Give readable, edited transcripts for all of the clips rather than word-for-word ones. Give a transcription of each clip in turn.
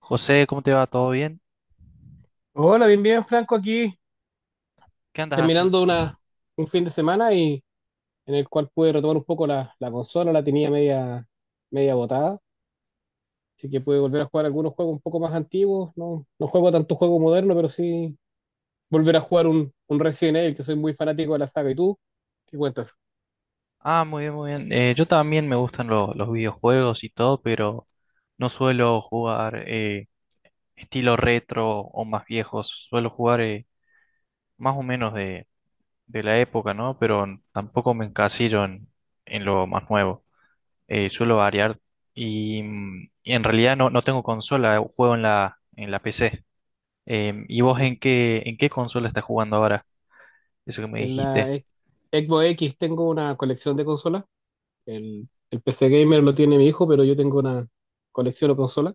José, ¿cómo te va? ¿Todo bien? Hola, bien, bien, Franco, aquí ¿Qué andas haciendo? terminando un fin de semana en el cual pude retomar un poco la consola, la tenía media, media botada, así que pude volver a jugar algunos juegos un poco más antiguos, no, no juego tanto juego moderno, pero sí volver a jugar un Resident Evil, que soy muy fanático de la saga. ¿Y tú? ¿Qué cuentas? Ah, muy bien, muy bien. Yo también me gustan los videojuegos y todo, pero no suelo jugar estilo retro o más viejos. Suelo jugar más o menos de la época, ¿no? Pero tampoco me encasillo en lo más nuevo. Suelo variar y, y en realidad no tengo consola, juego en la PC. ¿Y vos en qué consola estás jugando ahora? Eso que me En dijiste. la Xbox X. Tengo una colección de consolas, el PC Gamer lo tiene mi hijo, pero yo tengo una colección de consolas.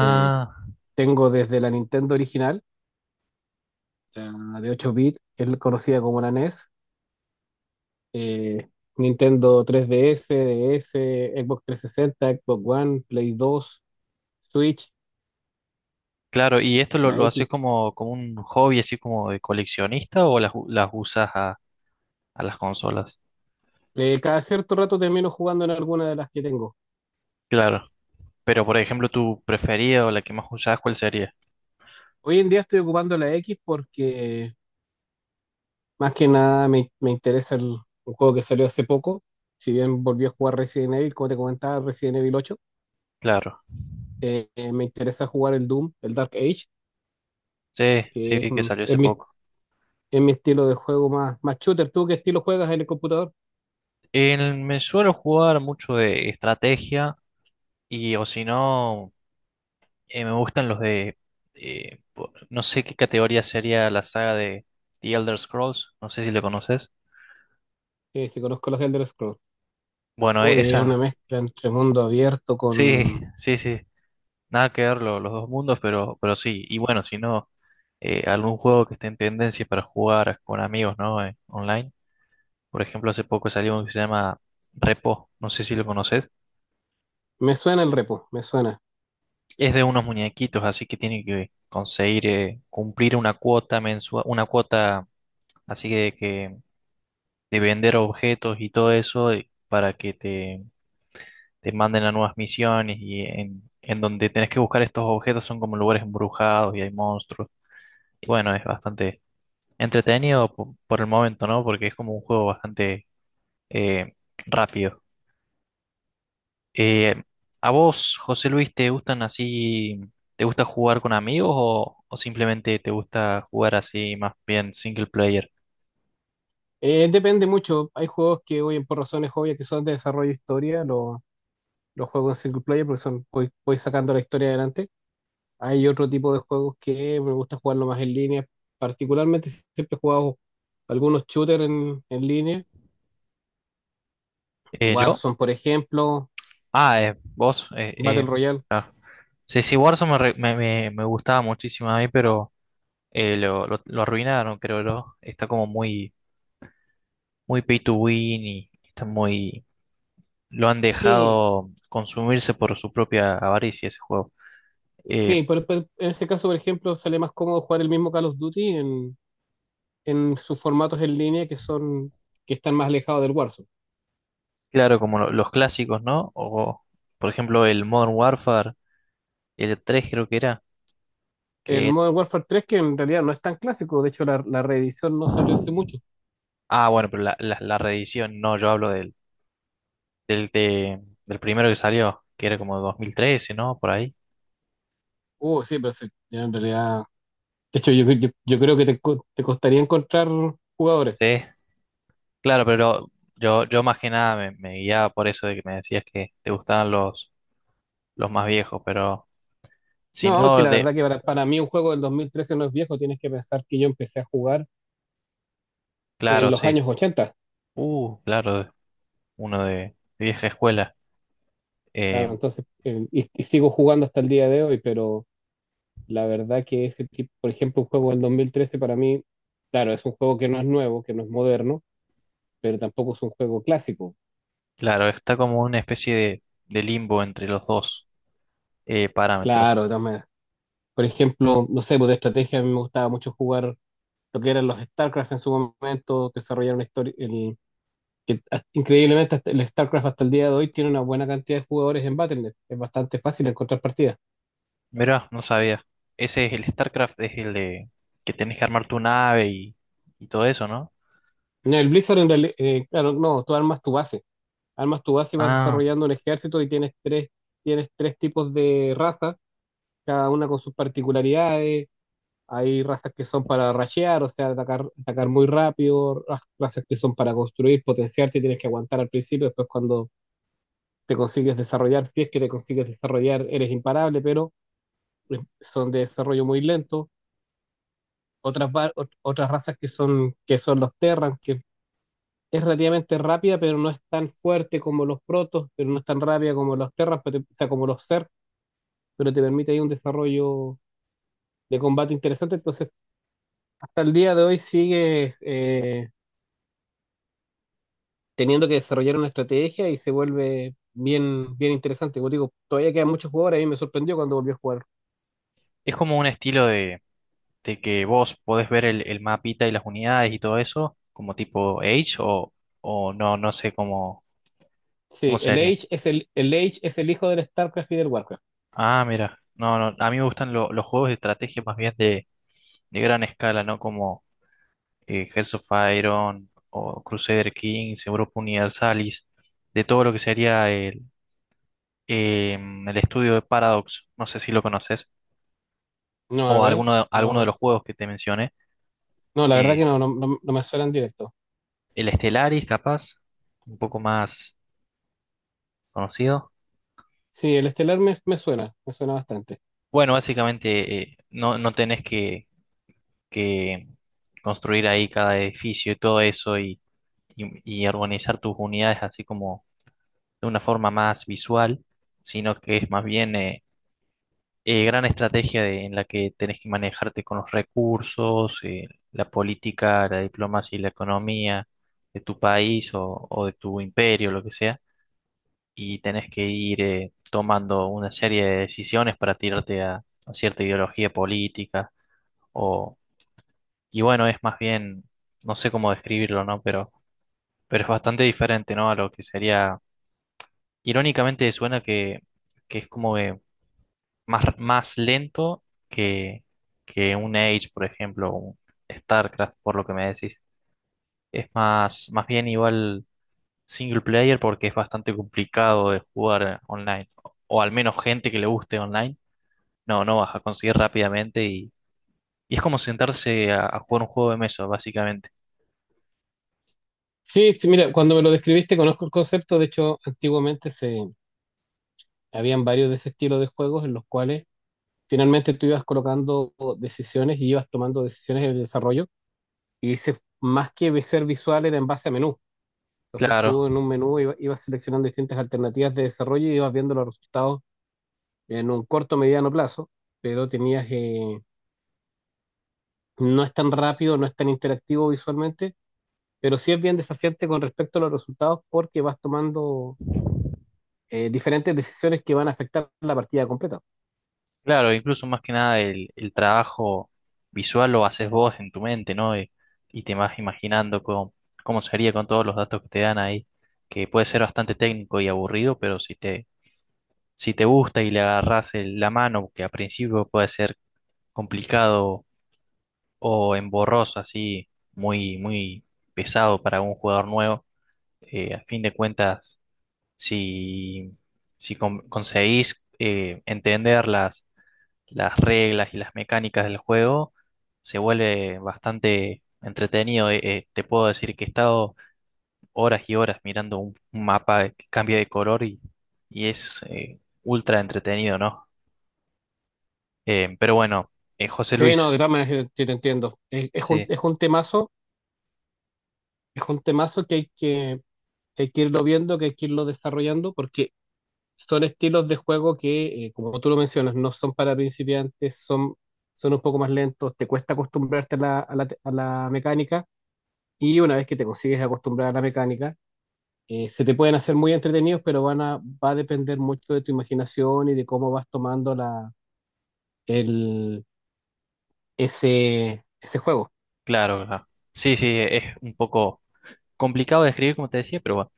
Eh, Tengo desde la Nintendo original, la de 8 bits, que es conocida como la NES, eh, Nintendo 3DS, DS, Xbox 360, Xbox One, Play 2, Switch, claro, ¿y esto la lo haces X. como, como un hobby, así como de coleccionista o las, las usas a las consolas? Cada cierto rato termino jugando en alguna de las que tengo. Claro, pero por ejemplo, tu preferida o la que más usás, ¿cuál sería? Hoy en día estoy ocupando la X porque más que nada me interesa un juego que salió hace poco. Si bien volví a jugar Resident Evil, como te comentaba, Resident Evil 8. Claro, Me interesa jugar el Doom, el Dark Age, sí, sí, que es, vi que mm, salió hace es mi poco. es mi estilo de juego más, más shooter. ¿Tú qué estilo juegas en el computador? Me suelo jugar mucho de estrategia y o si no, me gustan los de, no sé qué categoría sería la saga de The Elder Scrolls, no sé si lo conoces. Si conozco los Elder Scrolls. Bueno, Uy, es una esa, mezcla entre mundo abierto sí, con... sí, sí, nada que ver los dos mundos, pero sí, y bueno, si no, algún juego que esté en tendencia para jugar con amigos, ¿no? Online. Por ejemplo, hace poco salió uno que se llama Repo, no sé si lo conoces. Me suena el repo, me suena. Es de unos muñequitos, así que tienen que conseguir cumplir una cuota mensual, una cuota así de que de vender objetos y todo eso para que te manden a nuevas misiones y en donde tenés que buscar estos objetos son como lugares embrujados y hay monstruos. Y bueno, es bastante entretenido por, el momento, ¿no? Porque es como un juego bastante eh, rápido. Eh, ¿A vos, José Luis, te gustan así, te gusta jugar con amigos o simplemente te gusta jugar así más bien single player? Depende mucho. Hay juegos que, hoy por razones obvias que son de desarrollo de historia, los juegos en single player porque son, voy sacando la historia adelante. Hay otro tipo de juegos que me gusta jugarlo más en línea. Particularmente siempre he jugado algunos shooters en línea. ¿Yo? Warzone, por ejemplo, Ah, vos. Battle Royale. Ah. Sí, sí, Warzone me, me, me gustaba muchísimo a mí, pero lo arruinaron, creo yo. Está como muy, muy pay to win y está muy, lo han Sí. dejado consumirse por su propia avaricia ese juego. Eh, Sí, pero en este caso, por ejemplo, sale más cómodo jugar el mismo Call of Duty en sus formatos en línea, que están más alejados del Warzone. claro, como los clásicos, ¿no? O, por ejemplo, el Modern Warfare, el E 3 creo que era, El que... Modern Warfare tres, que en realidad no es tan clásico, de hecho la reedición no salió hace mucho. Ah, bueno, pero la reedición, no, yo hablo del, del primero que salió, que era como 2013, ¿no? Por ahí. Sí, pero sí, en realidad, de hecho yo creo que te costaría encontrar jugadores. Sí, claro, pero yo más que nada me, me guiaba por eso de que me decías que te gustaban los más viejos, pero si No, porque no la verdad de, que para mí un juego del 2013 no es viejo, tienes que pensar que yo empecé a jugar claro, en los sí. años ochenta. Claro, uno de vieja escuela. Claro, Eh, entonces, y sigo jugando hasta el día de hoy, pero la verdad que ese tipo, por ejemplo, un juego del 2013 para mí, claro, es un juego que no es nuevo, que no es moderno, pero tampoco es un juego clásico. claro, está como una especie de limbo entre los dos parámetros. Claro, de todas maneras. Por ejemplo, no sé, pues de estrategia a mí me gustaba mucho jugar lo que eran los StarCraft en su momento, desarrollar una historia, increíblemente hasta el StarCraft hasta el día de hoy tiene una buena cantidad de jugadores en Battle.net. Es bastante fácil encontrar partidas. Mirá, no sabía. Ese es el StarCraft, es el de que tenés que armar tu nave y todo eso, ¿no? No, el Blizzard en realidad, claro, no, tú armas tu base. Armas tu base y vas Ah, desarrollando un ejército y tienes tres tipos de razas, cada una con sus particularidades. Hay razas que son para rashear, o sea, atacar, atacar muy rápido, razas que son para construir, potenciarte, tienes que aguantar al principio, después cuando te consigues desarrollar, si es que te consigues desarrollar, eres imparable, pero son de desarrollo muy lento. Otras razas que son los Terran, que es relativamente rápida, pero no es tan fuerte como los Protos, pero no es tan rápida como los Terran, pero, o sea, como los Zerg, pero te permite ahí un desarrollo de combate interesante, entonces hasta el día de hoy sigue teniendo que desarrollar una estrategia y se vuelve bien, bien interesante. Como digo, todavía quedan muchos jugadores y me sorprendió cuando volvió a jugar. es como un estilo de que vos podés ver el mapita y las unidades y todo eso, como tipo Age o no, no sé cómo, cómo Sí, el sería. Age es el Age es el hijo del StarCraft y del WarCraft. Ah, mira, no, no, a mí me gustan los juegos de estrategia más bien de gran escala, ¿no? Como Hearts of Iron o Crusader Kings, Europa Universalis, de todo lo que sería el, el estudio de Paradox, no sé si lo conoces, No, a o ver, alguno de no, los juegos que te mencioné, no, la verdad que eh, no, no me suena en directo. el Stellaris, capaz, un poco más conocido. Sí, el Estelar me suena bastante. Bueno, básicamente no, no tenés que construir ahí cada edificio y todo eso y organizar tus unidades así como de una forma más visual, sino que es más bien gran estrategia en la que tenés que manejarte con los recursos, la política, la diplomacia y la economía de tu país o de tu imperio, lo que sea, y tenés que ir tomando una serie de decisiones para tirarte a cierta ideología política o, y bueno, es más bien, no sé cómo describirlo, ¿no? Pero es bastante diferente, ¿no? A lo que sería irónicamente suena que es como que más, más lento que, que un Age, por ejemplo, o un StarCraft, por lo que me decís. Es más, más bien igual single player porque es bastante complicado de jugar online. O al menos gente que le guste online, no, no vas a conseguir rápidamente y es como sentarse a jugar un juego de mesa, básicamente. Sí, sí, mira, cuando me lo describiste conozco el concepto, de hecho, antiguamente se habían varios de ese estilo de juegos en los cuales finalmente tú ibas colocando decisiones y ibas tomando decisiones en el desarrollo y ese, más que ser visual, era en base a menú. Entonces tú Claro. en un menú ibas seleccionando distintas alternativas de desarrollo y ibas viendo los resultados en un corto, mediano plazo, pero tenías, no es tan rápido, no es tan interactivo visualmente, pero sí es bien desafiante con respecto a los resultados porque vas tomando diferentes decisiones que van a afectar la partida completa. Claro, incluso más que nada el, el trabajo visual lo haces vos en tu mente, ¿no? Y te vas imaginando cómo, cómo sería con todos los datos que te dan ahí, que puede ser bastante técnico y aburrido, pero si te, si te gusta y le agarrás la mano, que a principio puede ser complicado o emborroso, así muy, muy pesado para un jugador nuevo, a fin de cuentas, si, si conseguís entender las reglas y las mecánicas del juego, se vuelve bastante entretenido. Te puedo decir que he estado horas y horas mirando un mapa que cambia de color y es ultra entretenido, ¿no? Pero bueno, José Sí, no, Luis, de todas maneras, sí te entiendo. Sí, Es un temazo que hay que irlo viendo, que hay que irlo desarrollando, porque son estilos de juego que, como tú lo mencionas, no son para principiantes, son, son un poco más lentos, te cuesta acostumbrarte a a la mecánica, y una vez que te consigues acostumbrar a la mecánica, se te pueden hacer muy entretenidos, pero va a depender mucho de tu imaginación y de cómo vas tomando el, ese juego, claro, claro. Sí, sí, es un poco complicado de escribir, como te decía, pero bueno,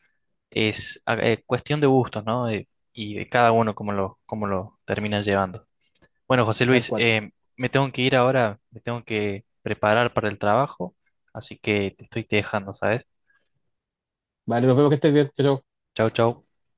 es cuestión de gustos, ¿no? Y de cada uno cómo lo terminan llevando. Bueno, José tal Luis, cual. Me tengo que ir ahora, me tengo que preparar para el trabajo, así que te estoy dejando, ¿sabes? Vale, nos vemos, que estés bien. Chao, chao. Chau, chau.